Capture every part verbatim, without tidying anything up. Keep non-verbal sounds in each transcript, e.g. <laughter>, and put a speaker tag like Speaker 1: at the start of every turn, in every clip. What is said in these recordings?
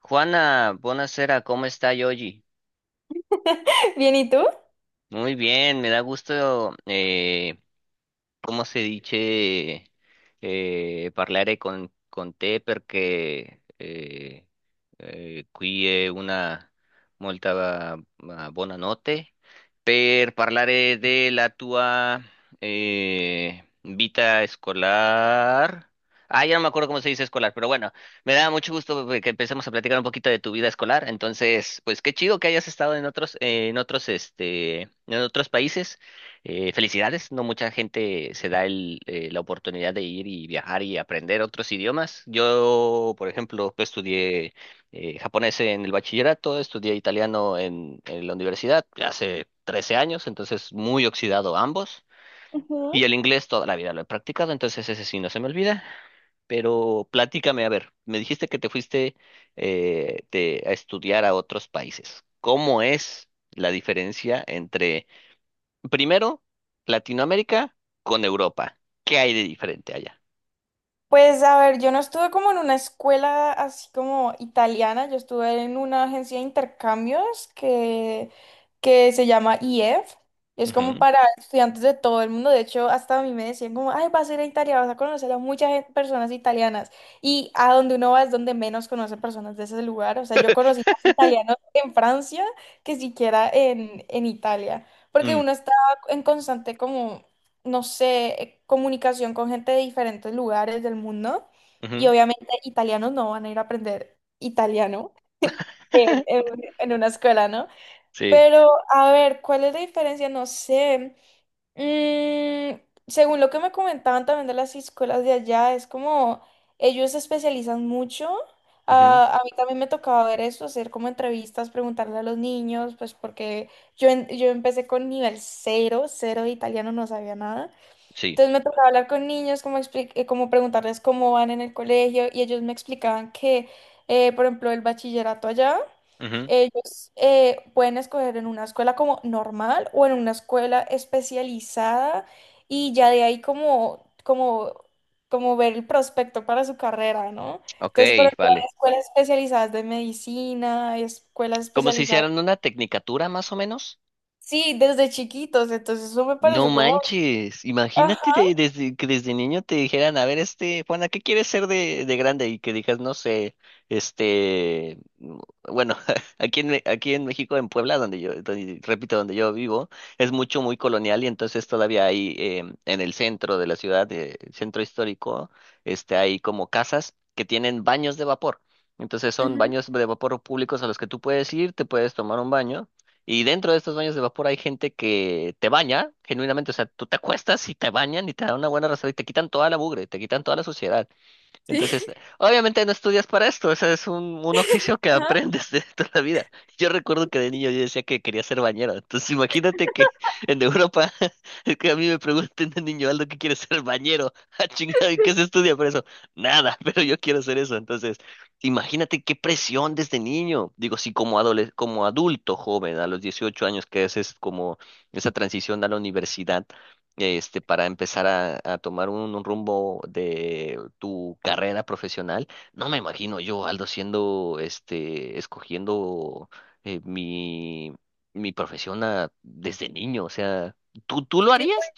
Speaker 1: Juana, buonasera, ¿cómo está Yogi?
Speaker 2: <laughs> Bien, ¿y tú?
Speaker 1: Muy bien, me da gusto eh, come si dice eh, parlare con, con te perché eh, eh, qui è una molta ah, buona per parlare della tua eh, vita escolar. Ah, ya no me acuerdo cómo se dice escolar, pero bueno, me da mucho gusto eh, que empecemos a platicar un poquito de tu vida escolar. Entonces, pues qué chido que hayas estado en otros, eh, en otros, este, en otros países. Eh, felicidades, no mucha gente se da el, eh, la oportunidad de ir y viajar y aprender otros idiomas. Yo, por ejemplo, pues, estudié eh, japonés en el bachillerato, estudié italiano en, en la universidad hace trece años, entonces muy oxidado ambos. Y el inglés toda la vida lo he practicado, entonces ese sí no se me olvida. Pero platícame, a ver, me dijiste que te fuiste eh, de- a estudiar a otros países. ¿Cómo es la diferencia entre Primero, Latinoamérica con Europa? ¿Qué hay de diferente allá?
Speaker 2: Pues a ver, yo no estuve como en una escuela así como italiana, yo estuve en una agencia de intercambios que, que se llama I E F. Es como
Speaker 1: Ujú.
Speaker 2: para estudiantes de todo el mundo. De hecho, hasta a mí me decían como, ay, vas a ir a Italia, vas a conocer a muchas gen- personas italianas. Y a donde uno va es donde menos conoce personas de ese lugar. O sea, yo conocí más
Speaker 1: <laughs>
Speaker 2: italianos en Francia que siquiera en, en Italia. Porque
Speaker 1: Mm,
Speaker 2: uno está en constante como no sé, eh, comunicación con gente de diferentes lugares del mundo. Y
Speaker 1: ujú.
Speaker 2: obviamente italianos no van a ir a aprender italiano en, en-
Speaker 1: <laughs>
Speaker 2: en una escuela, ¿no?
Speaker 1: Sí.
Speaker 2: Pero a ver, ¿cuál es la diferencia? No sé. Mm, según lo que me comentaban también de las escuelas de allá, es como ellos se especializan mucho.
Speaker 1: Ujú.
Speaker 2: Ah, a mí también me tocaba ver eso, hacer como entrevistas, preguntarle a los niños, pues porque yo, en- yo empecé con nivel cero, cero de italiano, no sabía nada.
Speaker 1: Sí.
Speaker 2: Entonces me tocaba hablar con niños, como, expli- eh, como preguntarles cómo van en el colegio y ellos me explicaban que, eh, por ejemplo, el bachillerato allá,
Speaker 1: Ujú.
Speaker 2: ellos eh, pueden escoger en una escuela como normal o en una escuela especializada y ya de ahí como, como, como ver el prospecto para su carrera, ¿no?
Speaker 1: Ok,
Speaker 2: Entonces, por ejemplo, hay
Speaker 1: vale.
Speaker 2: escuelas especializadas de medicina, hay escuelas
Speaker 1: Como si
Speaker 2: especializadas,
Speaker 1: hicieran una tecnicatura más o menos.
Speaker 2: sí, desde chiquitos, entonces eso me
Speaker 1: No
Speaker 2: pareció como...
Speaker 1: manches, imagínate
Speaker 2: Ajá,
Speaker 1: de- desde, que desde niño te dijeran, a ver, este, Juana, ¿qué quieres ser de, de grande? Y que digas, no sé, este, mm, bueno, <laughs> aquí en, Me- aquí en México, en Puebla, donde yo, donde- repito, donde yo vivo, es mucho, muy colonial y entonces todavía hay em, en el centro de la ciudad, eh, el centro histórico, este, hay como casas que tienen baños de vapor. Entonces son
Speaker 2: ujú,
Speaker 1: baños de vapor públicos a los que tú puedes ir, te puedes tomar un baño. Y dentro de estos baños de vapor hay gente que te baña, genuinamente, o sea, tú te acuestas y te bañan y te dan una buena rasada y te quitan toda la mugre, te quitan toda la suciedad. Entonces, obviamente no estudias para esto, o sea, es un, un oficio que <laughs>
Speaker 2: ajá.
Speaker 1: aprendes de toda la vida. Yo recuerdo que de niño yo decía que quería ser bañero, entonces imagínate que en Europa, <laughs> es que a mí me pregunten de niño Aldo qué quiere ser bañero, <laughs> ah, chingado, ¿y qué se estudia para eso? Nada, <laughs> pero yo quiero ser eso, entonces, imagínate qué presión desde niño. Digo, sí, como adole- como adulto joven, a los dieciocho años que haces como esa transición a la universidad, este, para empezar a, a tomar un, un rumbo de tu carrera profesional. No me imagino yo, Aldo, siendo, este, escogiendo eh, mi, mi profesión a- desde niño. O sea, ¿tú, tú lo harías?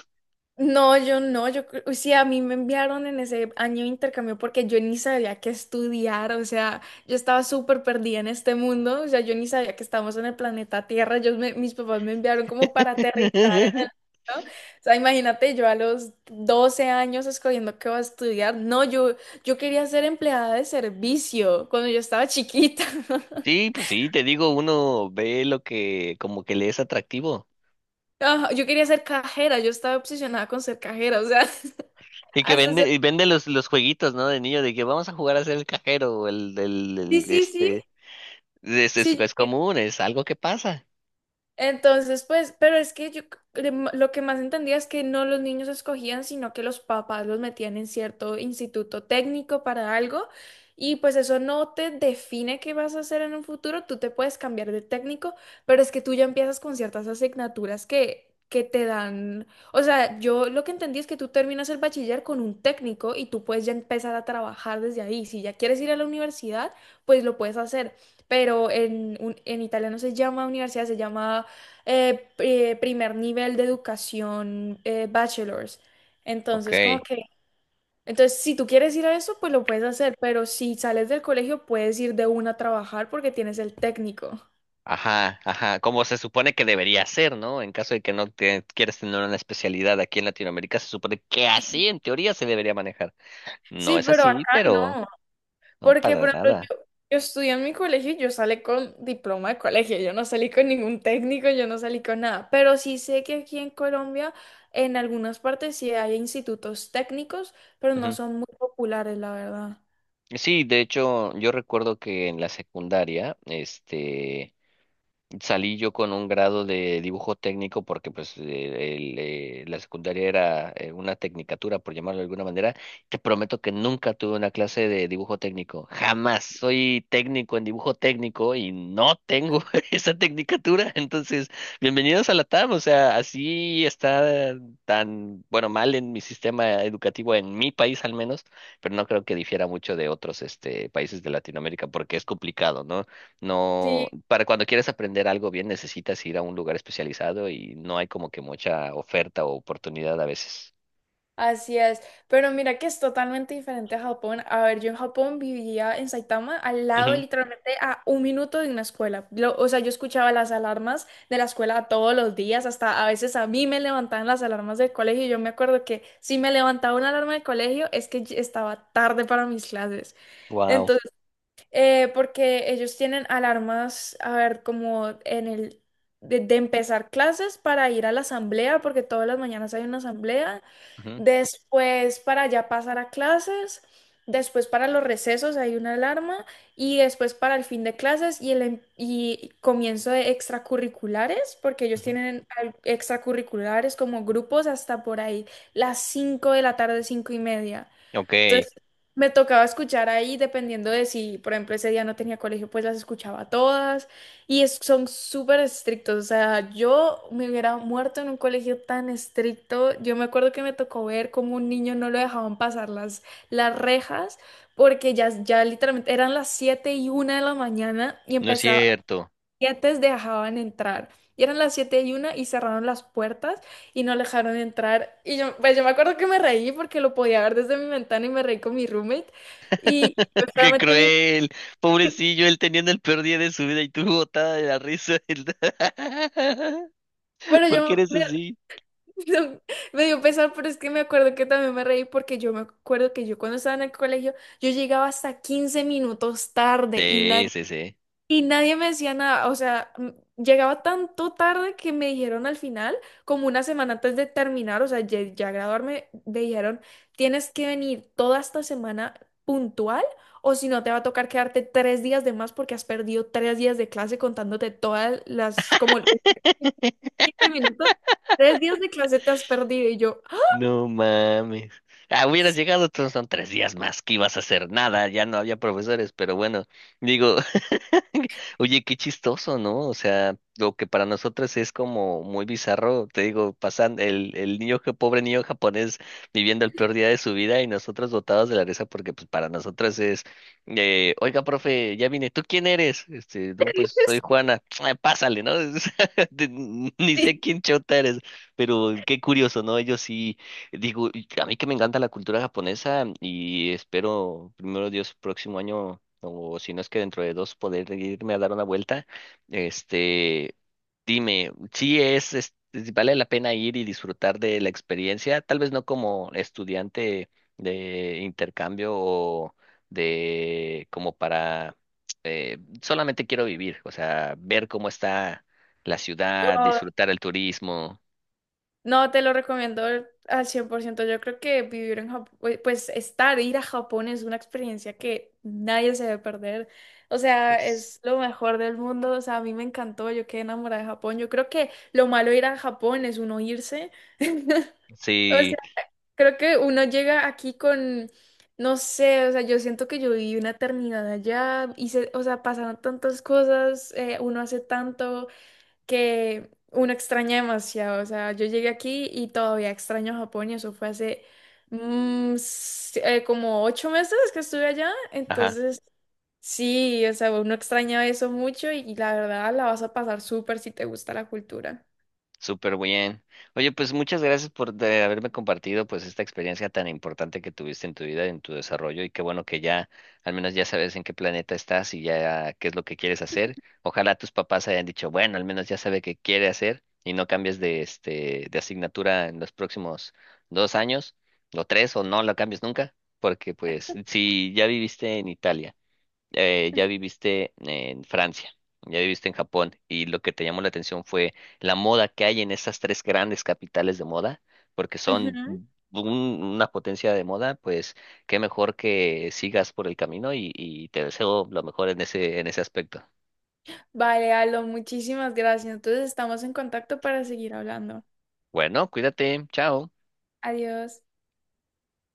Speaker 2: No, yo no, yo, cre- o sea, a mí me enviaron en ese año de intercambio porque yo ni sabía qué estudiar, o sea, yo estaba súper perdida en este mundo, o sea, yo ni sabía que estábamos en el planeta Tierra, yo me- mis papás me enviaron como para aterrizar en
Speaker 1: <laughs>
Speaker 2: el, ¿no? O sea, imagínate yo a los doce años escogiendo qué va a estudiar, no, yo, yo quería ser empleada de servicio cuando yo estaba chiquita. <laughs>
Speaker 1: Sí, pues sí, te digo, uno ve lo que como que le es atractivo.
Speaker 2: Ajá, yo quería ser cajera, yo estaba obsesionada con ser cajera, o sea, <laughs>
Speaker 1: Y que
Speaker 2: hasta ser...
Speaker 1: vende, y vende los, los jueguitos, ¿no? De niño, de que vamos a jugar a ser el cajero, o el, el,
Speaker 2: Sí,
Speaker 1: el-
Speaker 2: sí, sí,
Speaker 1: este, es, es,
Speaker 2: sí.
Speaker 1: es común, es algo que pasa.
Speaker 2: Entonces, pues, pero es que yo cre- m- lo que más entendía es que no los niños escogían, sino que los papás los metían en cierto instituto técnico para algo. Y pues eso no te define qué vas a hacer en un futuro, tú te puedes cambiar de técnico, pero es que tú ya empiezas con ciertas asignaturas que, que te dan, o sea, yo lo que entendí es que tú terminas el bachiller con un técnico y tú puedes ya empezar a trabajar desde ahí. Si ya quieres ir a la universidad, pues lo puedes hacer, pero en, un- en italiano se llama universidad, se llama eh, eh, primer nivel de educación eh, bachelor's.
Speaker 1: Ok.
Speaker 2: Entonces, como que, entonces, si tú quieres ir a eso, pues lo puedes hacer, pero si sales del colegio, puedes ir de una a trabajar porque tienes el técnico.
Speaker 1: Ajá, ajá, como se supone que debería ser, ¿no? En caso de que no te quieras tener una especialidad aquí en Latinoamérica, se supone que
Speaker 2: Sí,
Speaker 1: así en teoría se debería manejar. No
Speaker 2: sí,
Speaker 1: es
Speaker 2: pero
Speaker 1: así,
Speaker 2: acá
Speaker 1: pero
Speaker 2: no,
Speaker 1: no,
Speaker 2: porque,
Speaker 1: para
Speaker 2: por ejemplo,
Speaker 1: nada.
Speaker 2: yo, yo estudié en mi colegio y yo salí con diploma de colegio, yo no salí con ningún técnico, yo no salí con nada, pero sí sé que aquí en Colombia, en algunas partes sí hay institutos técnicos, pero no
Speaker 1: Ujú.
Speaker 2: son muy populares, la verdad.
Speaker 1: Sí, de hecho, yo recuerdo que en la secundaria, este, salí yo con un grado de dibujo técnico porque pues eh, el, eh, la secundaria era eh, una tecnicatura, por llamarlo de alguna manera. Te prometo que nunca tuve una clase de dibujo técnico, jamás. Soy técnico en dibujo técnico y no tengo <laughs> esa tecnicatura. Entonces, bienvenidos a la tam. O sea, así está tan, bueno, mal en mi sistema educativo, en mi país al menos, pero no creo que difiera mucho de otros, este, países de Latinoamérica, porque es complicado, ¿no? No,
Speaker 2: Sí,
Speaker 1: para cuando quieres aprender algo bien necesitas ir a un lugar especializado y no hay como que mucha oferta o oportunidad a veces.
Speaker 2: así es, pero mira que es totalmente diferente a Japón. A ver, yo en Japón vivía en Saitama, al lado literalmente a un minuto de una escuela. Lo- o sea, yo escuchaba las alarmas de la escuela todos los días, hasta a veces a mí me levantaban las alarmas del colegio. Yo me acuerdo que si me levantaba una alarma del colegio es que yo estaba tarde para mis clases,
Speaker 1: Wow.
Speaker 2: eh, porque ellos tienen alarmas, a ver, como en el, de, de empezar clases para ir a la asamblea, porque todas las mañanas hay una asamblea, después para ya pasar a clases, después para los recesos hay una alarma, y después para el fin de clases y el em- y comienzo de extracurriculares, porque ellos tienen al- extracurriculares como grupos hasta por ahí, las cinco de la tarde, cinco y media.
Speaker 1: Ok,
Speaker 2: Entonces, me tocaba escuchar ahí, dependiendo de si, por ejemplo, ese día no tenía colegio, pues las escuchaba todas. Y es- son súper estrictos. O sea, yo me hubiera muerto en un colegio tan estricto. Yo me acuerdo que me tocó ver cómo un niño no lo dejaban pasar las, las, rejas, porque ya, ya literalmente eran las siete y una de la mañana y
Speaker 1: no es
Speaker 2: empezaba,
Speaker 1: cierto.
Speaker 2: antes dejaban entrar. Y eran las siete y una y cerraron las puertas y no dejaron entrar. Y yo, pues yo me acuerdo que me reí porque lo podía ver desde mi ventana y me reí con mi roommate. Y yo
Speaker 1: <laughs> Qué
Speaker 2: solamente vi,
Speaker 1: cruel. Pobrecillo, él teniendo el peor día de su vida y tú botada de la risa. <laughs>
Speaker 2: pero
Speaker 1: ¿Por qué
Speaker 2: yo
Speaker 1: eres
Speaker 2: me,
Speaker 1: así?
Speaker 2: <laughs> me dio pesar, pero es que me acuerdo que también me reí porque yo me acuerdo que yo cuando estaba en el colegio, yo llegaba hasta quince minutos tarde y
Speaker 1: Sí,
Speaker 2: nadie.
Speaker 1: sí, sí.
Speaker 2: Y nadie me decía nada, o sea, m- llegaba tanto tarde que me dijeron al final, como una semana antes de terminar, o sea, ya, ya graduarme, me dijeron, tienes que venir toda esta semana puntual o si no te va a tocar quedarte tres días de más porque has perdido tres días de clase contándote todas las, como quince minutos, tres días de clase te has perdido y yo.
Speaker 1: No mames. Ah, hubieras llegado, tú, son tres días más que ibas a hacer nada, ya no había profesores, pero bueno, digo, <laughs> oye, qué chistoso, ¿no? O sea, lo que para nosotros es como muy bizarro, te digo, pasan el, el niño, ja- pobre niño japonés viviendo el peor día de su vida y nosotros botados de la risa porque pues para nosotros es, eh, oiga, profe, ya vine, ¿tú quién eres? Este, no, pues soy
Speaker 2: <laughs>
Speaker 1: Juana, <tsk> "Ah, pásale, ¿no? <laughs> De- Ni sé
Speaker 2: Sí.
Speaker 1: quién chota eres. Pero qué curioso, ¿no? Ellos sí. Digo, y a mí que me encanta la cultura japonesa y espero, primero Dios, próximo año, o si no es que dentro de dos, poder irme a dar una vuelta. Este, dime, si es, es- vale la pena ir y disfrutar de la experiencia, tal vez no como estudiante de intercambio o de como para, eh, solamente quiero vivir, o sea, ver cómo está la ciudad, disfrutar el turismo.
Speaker 2: No, te lo recomiendo al cien por ciento. Yo creo que vivir en Japón, pues pues, estar, ir a Japón es una experiencia que nadie se debe perder. O sea,
Speaker 1: es-
Speaker 2: es lo mejor del mundo. O sea, a mí me encantó, yo quedé enamorada de Japón. Yo creo que lo malo de ir a Japón es uno irse. <laughs> O
Speaker 1: Sí,
Speaker 2: sea, creo que uno llega aquí con, no sé, o sea, yo siento que yo viví una eternidad allá, hice, o sea, pasaron tantas cosas, eh, uno hace tanto que uno extraña demasiado. O sea, yo llegué aquí y todavía extraño Japón y eso fue hace mm, s- eh, como ocho meses que estuve allá.
Speaker 1: ajá.
Speaker 2: Entonces, sí, o sea, uno extraña eso mucho y, y la verdad la vas a pasar súper si te gusta la cultura.
Speaker 1: Súper bien. Oye, pues muchas gracias por de haberme compartido pues esta experiencia tan importante que tuviste en tu vida, en tu desarrollo y qué bueno que ya al menos ya sabes en qué planeta estás y ya qué es lo que quieres hacer. Ojalá tus papás hayan dicho, bueno, al menos ya sabe qué quiere hacer y no cambies de este de asignatura en los próximos dos años o tres, o no la cambies nunca, porque pues si ya viviste en Italia, eh, ya viviste en Francia, ya viviste en Japón, y lo que te llamó la atención fue la moda que hay en esas tres grandes capitales de moda, porque son
Speaker 2: Ujú.
Speaker 1: un- una potencia de moda, pues qué mejor que sigas por el camino y, y te deseo lo mejor en ese, en ese aspecto.
Speaker 2: Vale, Aldo, muchísimas gracias. Entonces, estamos en contacto para seguir hablando.
Speaker 1: Bueno, cuídate, chao.
Speaker 2: Adiós.